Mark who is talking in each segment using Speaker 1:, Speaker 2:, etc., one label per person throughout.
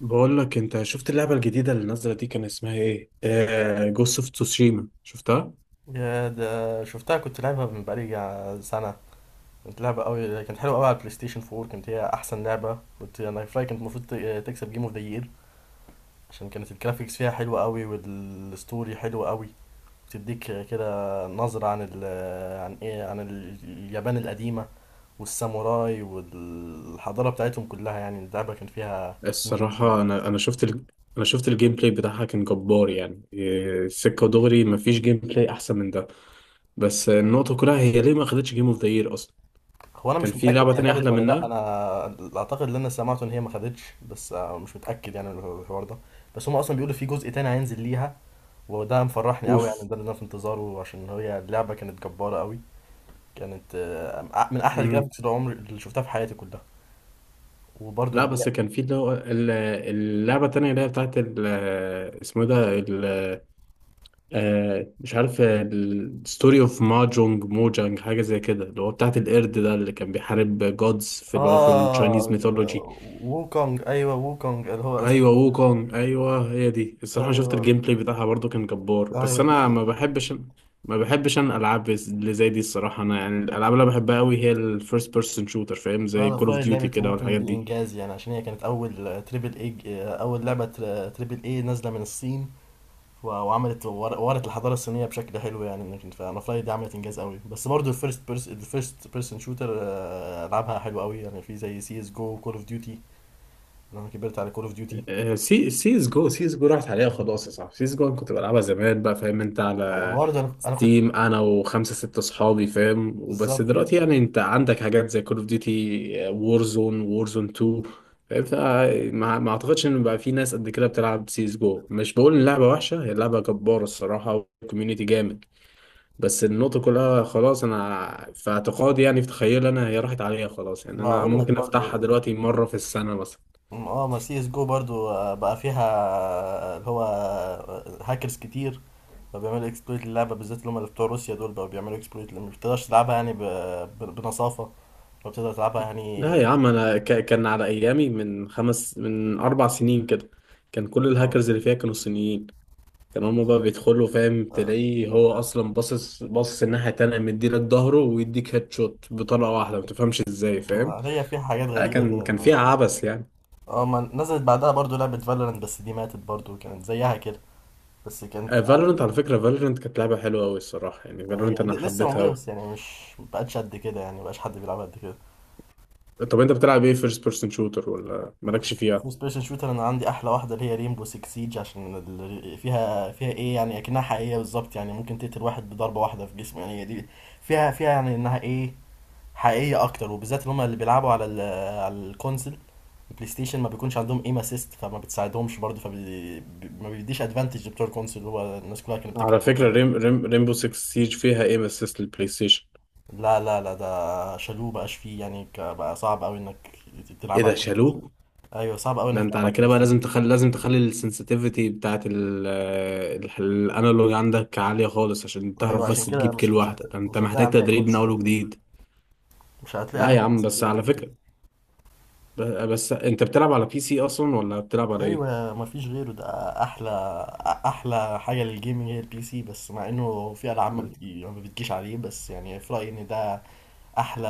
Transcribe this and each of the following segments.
Speaker 1: بقول لك انت شفت اللعبه الجديده اللي نازله دي كان اسمها ايه؟ جوست اوف تسوشيما شفتها؟
Speaker 2: يا ده شفتها، كنت لعبها من بقالي سنة. كنت لعبة قوي، كانت حلوة قوي على البلاي ستيشن 4. كانت هي أحسن لعبة كنت أنا في رأيي، كانت المفروض تكسب جيم اوف ذا يير، عشان كانت الجرافيكس فيها حلوة قوي والستوري حلوة قوي. بتديك كده نظرة عن ال عن ايه عن ال- اليابان القديمة والساموراي والحضارة بتاعتهم كلها. يعني اللعبة كان فيها إنجاز
Speaker 1: الصراحه
Speaker 2: كبير.
Speaker 1: انا شفت الجيم بلاي بتاعها كان جبار يعني. سكه دغري، مفيش جيم بلاي احسن من ده. بس النقطه كلها، هي ليه ما خدتش جيم اوف ذا يير اصلا؟
Speaker 2: هو انا
Speaker 1: كان
Speaker 2: مش
Speaker 1: في
Speaker 2: متاكد
Speaker 1: لعبه
Speaker 2: هي
Speaker 1: تانية
Speaker 2: خدت
Speaker 1: احلى
Speaker 2: ولا لا،
Speaker 1: منها.
Speaker 2: انا اعتقد ان انا سمعت ان هي ما خدتش، بس مش متاكد يعني من الحوار ده. بس هم اصلا بيقولوا في جزء تاني هينزل ليها، وده مفرحني قوي يعني.
Speaker 1: اوف.
Speaker 2: ده اللي انا في انتظاره، عشان هي اللعبه كانت جباره قوي. كانت من احلى
Speaker 1: مم.
Speaker 2: الجرافيكس اللي عمري شفتها في حياتي كلها. وبرضو
Speaker 1: لا
Speaker 2: اللي هي
Speaker 1: بس كان في اللي هو اللعبه التانية اللي هي بتاعت اسمه إيه ده؟ مش عارف، الستوري اوف ماجونج موجانج حاجة زي كده، اللي هو بتاعت القرد ده اللي كان بيحارب جودز في اللي هو في التشاينيز
Speaker 2: اه،
Speaker 1: ميثولوجي.
Speaker 2: ووكونج، ايوه ووكونج اللي هو اسمه.
Speaker 1: ايوه ووكونج، ايوه هي دي. الصراحة شفت
Speaker 2: ايوه،
Speaker 1: الجيم بلاي بتاعها برضو كان جبار، بس
Speaker 2: ايوه دي.
Speaker 1: انا ما بحبش. انا العاب اللي زي دي الصراحة. انا يعني الالعاب اللي أنا بحبها قوي هي الفيرست بيرسون شوتر، فاهم؟
Speaker 2: لا
Speaker 1: زي
Speaker 2: انا
Speaker 1: كول
Speaker 2: في
Speaker 1: اوف
Speaker 2: رايي
Speaker 1: ديوتي
Speaker 2: لعبه
Speaker 1: كده
Speaker 2: ووكونج
Speaker 1: والحاجات
Speaker 2: دي
Speaker 1: دي.
Speaker 2: انجاز، يعني عشان هي كانت اول تريبل اي، اول لعبه تريبل اي نازله من الصين. وعملت ورت الحضاره الصينيه بشكل حلو يعني. لكن فانا فلاي دي عملت انجاز قوي. بس برضو الفيرست بيرسون شوتر العابها حلوه قوي يعني. في زي سي اس جو، كول اوف ديوتي. انا كبرت على كول اوف ديوتي.
Speaker 1: آه، سي سيز جو سيز جو راحت عليها خلاص يا صاحبي. سيز جو أنا كنت بلعبها زمان بقى، فاهم؟ انت على
Speaker 2: برضه انا كنت
Speaker 1: ستيم انا وخمسه سته اصحابي، فاهم؟ وبس
Speaker 2: بالظبط
Speaker 1: دلوقتي
Speaker 2: كده.
Speaker 1: يعني انت عندك حاجات زي كول اوف ديوتي، وورزون، وورزون 2، فاهم؟ فما ما اعتقدش ان بقى في ناس قد كده بتلعب سيز جو. مش بقول ان اللعبه وحشه، هي لعبه جباره الصراحه، والكوميونتي جامد. بس النقطه كلها خلاص. انا في اعتقادي يعني في تخيلي انا، هي راحت عليها خلاص يعني. انا
Speaker 2: وهقول لك
Speaker 1: ممكن افتحها
Speaker 2: برضو،
Speaker 1: دلوقتي مره في السنه مثلا.
Speaker 2: اه ما سي اس جو برضو بقى فيها آه، اللي هو هاكرز كتير. فبيعملوا اكسبلويت للعبه بالذات. اللي هم اللي بتوع روسيا دول بقى بيعملوا اكسبلويت، ما بتقدرش تلعبها يعني بنصافه. فبتقدر تلعبها
Speaker 1: لا
Speaker 2: يعني.
Speaker 1: يا عم، انا كان على ايامي من خمس من اربع سنين كده. كان كل
Speaker 2: اه
Speaker 1: الهاكرز اللي فيها كانوا صينيين. كانوا هما بقى بيدخلوا، فاهم؟ تلاقيه هو اصلا باصص باصص الناحيه التانيه، مديلك ظهره ويديك هيد شوت بطلقه واحده ما تفهمش ازاي، فاهم؟
Speaker 2: ما هي فيها حاجات
Speaker 1: لا،
Speaker 2: غريبة
Speaker 1: كان
Speaker 2: كده.
Speaker 1: فيها عبث يعني.
Speaker 2: اه، ما نزلت بعدها برضو لعبة فالورانت، بس دي ماتت برضو، كانت زيها كده. بس كانت
Speaker 1: فالورنت، على فكره، فالورنت كانت لعبه حلوه قوي الصراحه يعني. فالورنت
Speaker 2: هي
Speaker 1: انا
Speaker 2: لسه
Speaker 1: حبيتها
Speaker 2: موجودة،
Speaker 1: أوي.
Speaker 2: بس يعني مش مبقتش قد كده، يعني مبقاش حد بيلعبها قد كده.
Speaker 1: طب انت بتلعب ايه فيرست بيرسون شوتر ولا مالكش فيها؟
Speaker 2: في سبيشال شوتر انا عندي احلى واحدة، اللي هي ريمبو 6 سيج، عشان فيها فيها ايه يعني، اكنها حقيقية بالظبط يعني. ممكن تقتل واحد بضربة واحدة في جسمه يعني. هي دي فيها فيها يعني انها ايه، حقيقية اكتر. وبالذات اللي هم اللي بيلعبوا على ال على الكونسل، البلاي ستيشن ما بيكونش عندهم ايم اسيست، فما بتساعدهمش برضه. ما بيديش ادفانتج لبتوع الكونسول. اللي هو الناس كلها كانت بتكره
Speaker 1: على
Speaker 2: الحاجات
Speaker 1: فكره،
Speaker 2: دي.
Speaker 1: ريمبو 6 سيج فيها ايه من اسيست البلاي ستيشن؟
Speaker 2: لا لا لا، ده شالوه بقاش فيه يعني، بقى صعب قوي انك
Speaker 1: ايه
Speaker 2: تلعب على
Speaker 1: ده،
Speaker 2: البلاي ستيشن.
Speaker 1: شالوه؟
Speaker 2: ايوه صعب قوي
Speaker 1: ده
Speaker 2: انك
Speaker 1: انت
Speaker 2: تلعب
Speaker 1: على
Speaker 2: على
Speaker 1: كده
Speaker 2: البلاي
Speaker 1: بقى
Speaker 2: ستيشن.
Speaker 1: لازم تخلي، السنسيتيفيتي بتاعت الانالوج عندك عالية خالص عشان
Speaker 2: ايوه
Speaker 1: تعرف بس
Speaker 2: عشان كده
Speaker 1: تجيب كيل واحدة. ده انت
Speaker 2: مش هتلاقي
Speaker 1: محتاج
Speaker 2: عليها
Speaker 1: تدريب من
Speaker 2: كونسول
Speaker 1: اول
Speaker 2: قد كده.
Speaker 1: وجديد.
Speaker 2: مش هتلاقي
Speaker 1: لا
Speaker 2: عليها
Speaker 1: يا عم،
Speaker 2: كونسول
Speaker 1: بس
Speaker 2: كبير
Speaker 1: على
Speaker 2: قد كده.
Speaker 1: فكرة، ب- بس انت بتلعب على بي سي اصلا ولا بتلعب على ايه؟
Speaker 2: ايوه مفيش غيره ده. احلى، احلى حاجه للجيمنج هي البي سي. بس مع انه في العاب ما بتجيش عليه، بس يعني في رايي ان ده احلى.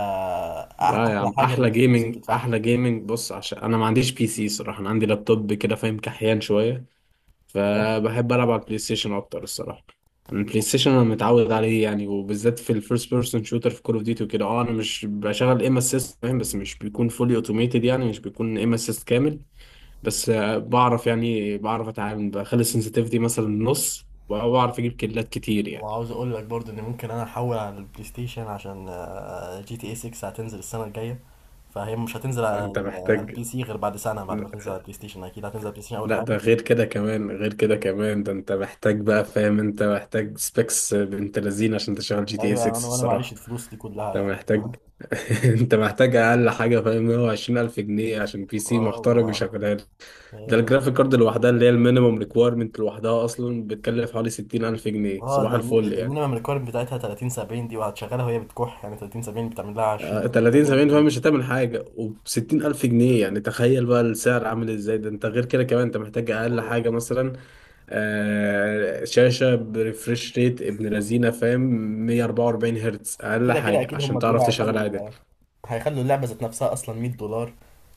Speaker 1: لا يا
Speaker 2: احلى
Speaker 1: عم،
Speaker 2: حاجه للفلوس اللي بتدفعها.
Speaker 1: احلى جيمنج بص، عشان انا ما عنديش بي سي صراحة، انا عندي لابتوب كده فاهم، كحيان شوية.
Speaker 2: تمام.
Speaker 1: فبحب العب على البلاي ستيشن اكتر الصراحه. أنا البلاي ستيشن انا متعود عليه يعني، وبالذات في الفيرست بيرسون شوتر، في كول اوف ديوتي وكده. اه، انا مش بشغل ايم اسيست، فاهم؟ بس مش بيكون فولي اوتوميتد، يعني مش بيكون ايم اسيست كامل. بس بعرف يعني، بعرف اتعامل بخلي السنسitivities مثلا نص وبعرف اجيب كيلات كتير يعني.
Speaker 2: وعاوز اقول لك برضو ان ممكن انا احول على البلاي ستيشن، عشان جي تي اي 6 هتنزل السنه الجايه. فهي مش هتنزل على
Speaker 1: انت
Speaker 2: على
Speaker 1: محتاج.
Speaker 2: البي سي غير بعد سنه، بعد ما تنزل على البلاي ستيشن. اكيد هتنزل على البلاي ستيشن اول
Speaker 1: لا،
Speaker 2: حاجه.
Speaker 1: ده غير كده كمان، غير كده كمان، ده انت محتاج بقى، فاهم؟ انت محتاج سبيكس بنت لذين عشان تشغل جي تي اي
Speaker 2: ايوه انا،
Speaker 1: 6
Speaker 2: وانا معيش
Speaker 1: الصراحه.
Speaker 2: الفلوس دي كلها
Speaker 1: انت
Speaker 2: يعني ف
Speaker 1: محتاج انت محتاج اقل حاجه، فاهم؟ 120 الف جنيه عشان بي سي
Speaker 2: اه
Speaker 1: محترم
Speaker 2: ما-
Speaker 1: يشغلها لك. ده
Speaker 2: أيوة.
Speaker 1: الجرافيك كارد لوحدها اللي هي المينيمم ريكويرمنت لوحدها اصلا بتكلف حوالي 60 الف جنيه،
Speaker 2: اه
Speaker 1: صباح
Speaker 2: ده
Speaker 1: الفل يعني.
Speaker 2: المينيمم ريكويرمنت بتاعتها 30 70 دي، وهتشغلها وهي بتكح يعني. 30 70 بتعمل لها 20
Speaker 1: 30 70 فاهم
Speaker 2: 30.
Speaker 1: مش هتعمل حاجه، وب 60 الف جنيه يعني، تخيل بقى السعر عامل ازاي. ده انت غير كده كمان انت محتاج اقل حاجه مثلا. شاشة بريفريش ريت ابن لذينة، فاهم؟ 144 هرتز أقل
Speaker 2: كده كده
Speaker 1: حاجة
Speaker 2: اكيد
Speaker 1: عشان
Speaker 2: هم
Speaker 1: تعرف
Speaker 2: بيقولوا
Speaker 1: تشغل عادي.
Speaker 2: هيخلوا، هيخلوا اللعبة ذات نفسها أصلا 100$.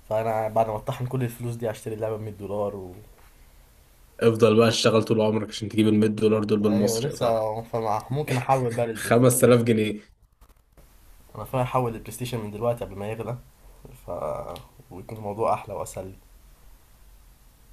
Speaker 2: فأنا بعد ما أطحن كل الفلوس دي هشتري اللعبة ب 100$ و...
Speaker 1: افضل بقى اشتغل طول عمرك عشان تجيب ال 100 دولار دول
Speaker 2: أيوة
Speaker 1: بالمصري يا صاحبي.
Speaker 2: لسه فمع ممكن أحول بقى للبلاي ستيشن.
Speaker 1: 5000 جنيه.
Speaker 2: أنا فاهم أحول للبلاي ستيشن من دلوقتي قبل ما يغلى، ف ويكون الموضوع أحلى وأسهل لي.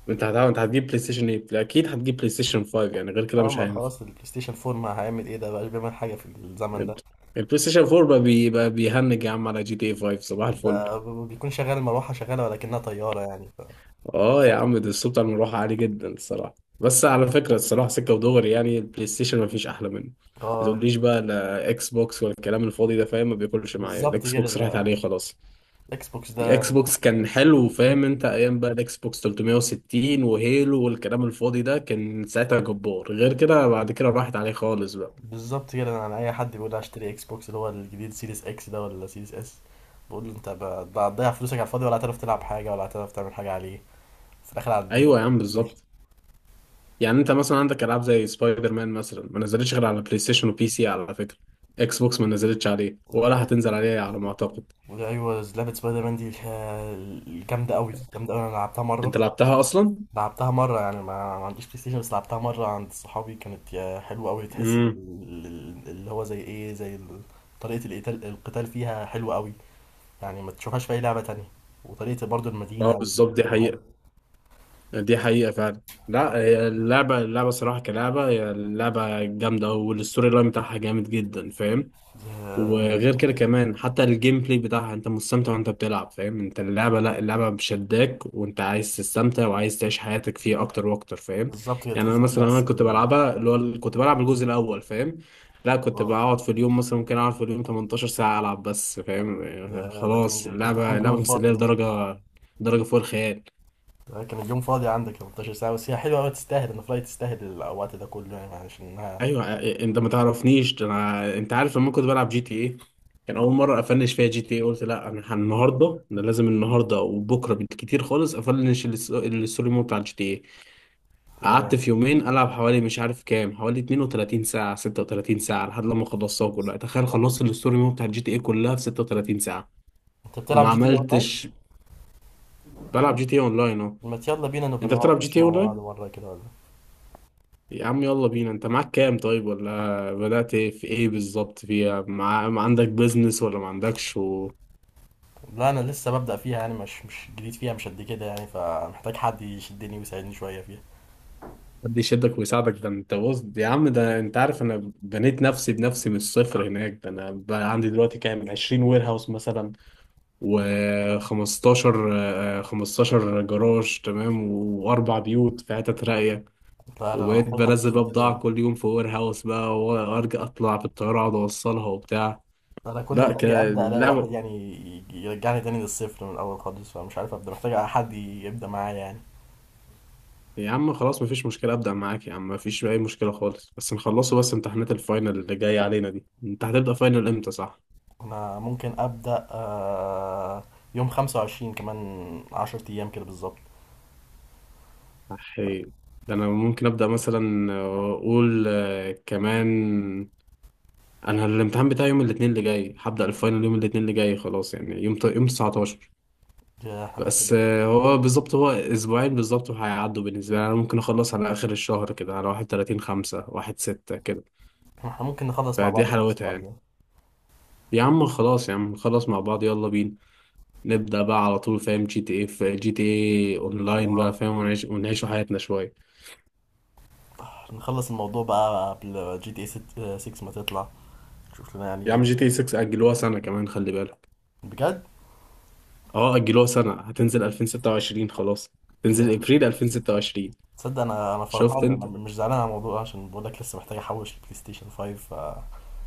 Speaker 1: انت هتعمل، انت هتجيب بلاي ستيشن 8؟ لا، اكيد هتجيب بلاي ستيشن 5 يعني، غير كده
Speaker 2: اه
Speaker 1: مش
Speaker 2: ما
Speaker 1: هينفع.
Speaker 2: خلاص البلاي ستيشن 4 ما هيعمل ايه، ده بقاش بيعمل حاجة في الزمن ده.
Speaker 1: البلاي ستيشن 4 بقى بيبقى بيهنج يا عم على جي تي اي 5، صباح الفل.
Speaker 2: ده بيكون شغال، المروحة شغالة ولكنها طيارة يعني ف...
Speaker 1: اه يا عم، ده الصوت بتاع المروحه عالي جدا الصراحه. بس على فكره الصراحه، سكه ودغري يعني، البلاي ستيشن ما فيش احلى منه. ما
Speaker 2: اه
Speaker 1: تقوليش بقى لا اكس بوكس ولا الكلام الفاضي ده، فاهم؟ ما بياكلش معايا
Speaker 2: بالظبط
Speaker 1: الاكس
Speaker 2: كده.
Speaker 1: بوكس، راحت
Speaker 2: ده
Speaker 1: عليه خلاص.
Speaker 2: الاكس بوكس ده.
Speaker 1: اكس بوكس كان حلو، فاهم؟ انت ايام بقى الاكس بوكس 360 وهيلو والكلام الفاضي ده كان ساعتها جبار. غير كده بعد كده راحت عليه خالص بقى.
Speaker 2: بالظبط كده. انا على اي حد بيقول لي هشتري اكس بوكس اللي هو الجديد، سيريس اكس ده ولا سيريس اس، بقول له ده هتضيع فلوسك على الفاضي، ولا هتعرف تلعب حاجه، ولا هتعرف تعمل حاجه عليه. في الاخر هتبيع، ولا
Speaker 1: ايوه يا
Speaker 2: هتبيع
Speaker 1: عم
Speaker 2: بلاي ستيشن.
Speaker 1: بالظبط. يعني انت مثلا عندك العاب زي سبايدر مان مثلا ما نزلتش غير على بلاي ستيشن وبي سي على فكره. اكس بوكس ما نزلتش عليه ولا هتنزل عليه على ما اعتقد.
Speaker 2: وده ايوه لعبه سبايدر مان دي جامده قوي، جامده قوي، انا لعبتها
Speaker 1: انت
Speaker 2: مره.
Speaker 1: لعبتها اصلا؟
Speaker 2: لعبتها مره يعني، ما عنديش بلاي ستيشن، بس لعبتها مره عند صحابي. كانت يا حلوه قوي، تحس ال-
Speaker 1: امم
Speaker 2: ال- اللي هو زي ايه زي ال- طريقه القتال فيها حلوه قوي يعني. ما تشوفهاش في اي لعبه تانية. وطريقه برضو
Speaker 1: اه
Speaker 2: المدينه
Speaker 1: بالظبط، دي
Speaker 2: وكل حاجه
Speaker 1: حقيقه. دي حقيقه فعلا. لا هي اللعبه، صراحه كلعبه، هي اللعبه جامده والستوري لاين بتاعها جامد جدا، فاهم؟
Speaker 2: آه،
Speaker 1: وغير كده كمان حتى الجيم بلاي بتاعها انت مستمتع وانت بتلعب، فاهم؟ انت اللعبة، لا اللعبة بشداك، وانت عايز تستمتع وعايز تعيش حياتك فيه اكتر واكتر، فاهم؟
Speaker 2: بالظبط كده.
Speaker 1: يعني انا
Speaker 2: تحس انك مش
Speaker 1: مثلا
Speaker 2: عايز
Speaker 1: انا
Speaker 2: تسيب
Speaker 1: كنت بلعبها اللي هو كنت بلعب الجزء الاول، فاهم؟ لا، كنت
Speaker 2: اه
Speaker 1: بقعد في اليوم مثلا ممكن اقعد في اليوم 18 ساعة العب بس، فاهم؟ يعني
Speaker 2: يا، ده كان
Speaker 1: خلاص
Speaker 2: كان
Speaker 1: اللعبة،
Speaker 2: اليوم
Speaker 1: مسلية
Speaker 2: الفاضي ده.
Speaker 1: لدرجة، فوق الخيال.
Speaker 2: ده كان اليوم فاضي عندك 18 ساعة. بس هي حلوة أوي، تستاهل إن فلاي تستاهل الوقت ده كله يعني، عشان إنها
Speaker 1: ايوه انت ما تعرفنيش ده، انا انت عارف لما كنت بلعب جي تي ايه. كان اول مره افنش فيها جي تي ايه، قلت لا، انا النهارده انا لازم النهارده وبكره بالكتير خالص افنش الستوري مود بتاع الجي تي ايه. قعدت
Speaker 2: يا.
Speaker 1: في يومين العب حوالي مش عارف كام، حوالي 32 ساعه، 36 ساعه، لحد لما خلصتها كلها. تخيل خلصت الستوري مود بتاع الجي تي ايه كلها في 36 ساعه.
Speaker 2: أنت بتلعب
Speaker 1: وما
Speaker 2: جي تي إيه أونلاين؟
Speaker 1: عملتش. بلعب جي تي ايه اونلاين اهو.
Speaker 2: ما يلا بينا نبقى
Speaker 1: انت
Speaker 2: نقعد
Speaker 1: بتلعب جي
Speaker 2: نخش
Speaker 1: تي ايه
Speaker 2: مع بعض
Speaker 1: اونلاين؟
Speaker 2: مرة كده ولا.
Speaker 1: يا عم يلا بينا، انت معاك كام طيب ولا بدأت ايه؟ في ايه بالظبط فيها ما عندك بيزنس ولا ما عندكش
Speaker 2: لا أنا لسه ببدأ فيها يعني، مش مش جديد فيها مش قد كده يعني، فمحتاج حد يشدني ويساعدني شوية فيها.
Speaker 1: حد يشدك ويساعدك؟ ده انت بص يا عم، ده انت عارف انا بنيت نفسي بنفسي من الصفر هناك. ده انا بقى عندي دلوقتي كام، 20 وير هاوس مثلا، و15 15 جراج تمام، واربع بيوت في حتت راقية.
Speaker 2: لا لا أنا
Speaker 1: وبقيت
Speaker 2: محتاج حد
Speaker 1: بنزل بقى
Speaker 2: يشدني
Speaker 1: بضاعة
Speaker 2: أنا.
Speaker 1: كل يوم في وير هاوس بقى، وارجع اطلع بالطيارة اقعد اوصلها وبتاع.
Speaker 2: أنا كل ما
Speaker 1: لا
Speaker 2: أجي
Speaker 1: كده
Speaker 2: أبدأ ألاقي واحد
Speaker 1: لا.
Speaker 2: يعني يرجعني تاني للصفر من الأول خالص، فمش عارف أبدأ، محتاج حد يبدأ معايا يعني.
Speaker 1: يا عم خلاص مفيش مشكلة، أبدأ معاك يا عم، مفيش أي مشكلة خالص. بس نخلصه، بس امتحانات الفاينل اللي جاية علينا دي، أنت هتبدأ فاينل إمتى صح؟
Speaker 2: انا ممكن ابدا يوم 25 كمان 10 ايام كده بالظبط.
Speaker 1: أحي. ده أنا ممكن أبدأ مثلا أقول كمان. أنا الامتحان بتاعي يوم الاثنين اللي جاي، هبدأ الفاينل يوم الاثنين اللي جاي خلاص يعني يوم يوم 19.
Speaker 2: يا احنا
Speaker 1: بس
Speaker 2: محتاجين،
Speaker 1: هو بالظبط هو أسبوعين بالظبط وهيعدوا بالنسبة لي. أنا ممكن أخلص على آخر الشهر كده، على 31 5 1 6 كده،
Speaker 2: احنا ممكن نخلص مع
Speaker 1: فدي
Speaker 2: بعض في نفس
Speaker 1: حلاوتها
Speaker 2: الوقت
Speaker 1: يعني.
Speaker 2: ده.
Speaker 1: يا عم خلاص، يا عم نخلص مع بعض، يلا بينا نبدأ بقى على طول، فاهم؟ جي تي ايه، في جي تي ايه اونلاين بقى،
Speaker 2: اه
Speaker 1: فاهم؟ ونعيشوا حياتنا شوية.
Speaker 2: نخلص الموضوع بقى قبل جي تي اي 6 ما تطلع. شوف لنا
Speaker 1: يا عم
Speaker 2: يعني.
Speaker 1: جي تي ايه 6 أجلوها سنة كمان خلي بالك.
Speaker 2: بجد؟
Speaker 1: اه أجلوها سنة، هتنزل 2026 خلاص،
Speaker 2: يا أنا
Speaker 1: تنزل
Speaker 2: كنت-
Speaker 1: ابريل 2026.
Speaker 2: تصدق انا، انا
Speaker 1: شفت
Speaker 2: فرحان، انا
Speaker 1: انت؟
Speaker 2: مش زعلان على الموضوع ده، عشان بقول لك لسه محتاج احوش البلاي ستيشن 5 ف...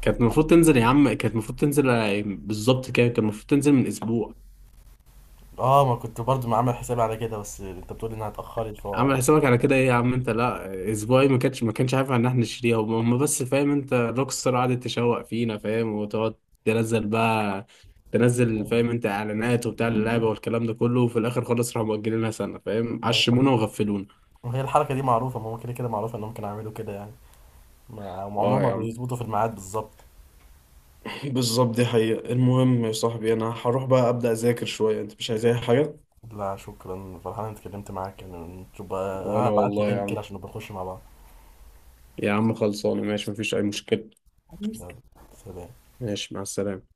Speaker 1: كانت المفروض تنزل يا عم، كانت المفروض تنزل بالظبط كده، كان المفروض تنزل من اسبوع.
Speaker 2: اه ما كنت برضو ما عامل حسابي على كده، بس انت بتقول انها اتاخرت ف
Speaker 1: عامل حسابك على كده ايه يا عم؟ انت لا، اسبوعي ما كانش عارف ان احنا نشتريها، هم بس، فاهم؟ انت روك ستار قعدت تشوق فينا، فاهم؟ وتقعد تنزل بقى، تنزل، فاهم؟ انت اعلانات وبتاع اللعبه والكلام ده كله، وفي الاخر خلاص راحوا مؤجلينها سنه، فاهم؟
Speaker 2: انا
Speaker 1: عشمونا
Speaker 2: بفكر-
Speaker 1: وغفلونا.
Speaker 2: هي الحركه دي معروفه. ما هو كده كده معروفه انهم كانوا يعملوا كده يعني. ما عمرهم
Speaker 1: اه
Speaker 2: ما
Speaker 1: يا عم
Speaker 2: بيظبطوا في الميعاد بالظبط.
Speaker 1: بالظبط، دي حقيقة. المهم يا صاحبي، انا هروح بقى ابدأ اذاكر شوية، انت مش عايز اي حاجة؟
Speaker 2: لا شكرا، فرحان اني اتكلمت معاك يعني. نشوف بقى،
Speaker 1: وانا
Speaker 2: هبعت لي
Speaker 1: والله يا
Speaker 2: لينك كده
Speaker 1: عم،
Speaker 2: عشان نبقى نخش مع بعض.
Speaker 1: يا عم خلصانه، ماشي مفيش اي مشكله.
Speaker 2: يلا، سلام.
Speaker 1: ماشي مع السلامه.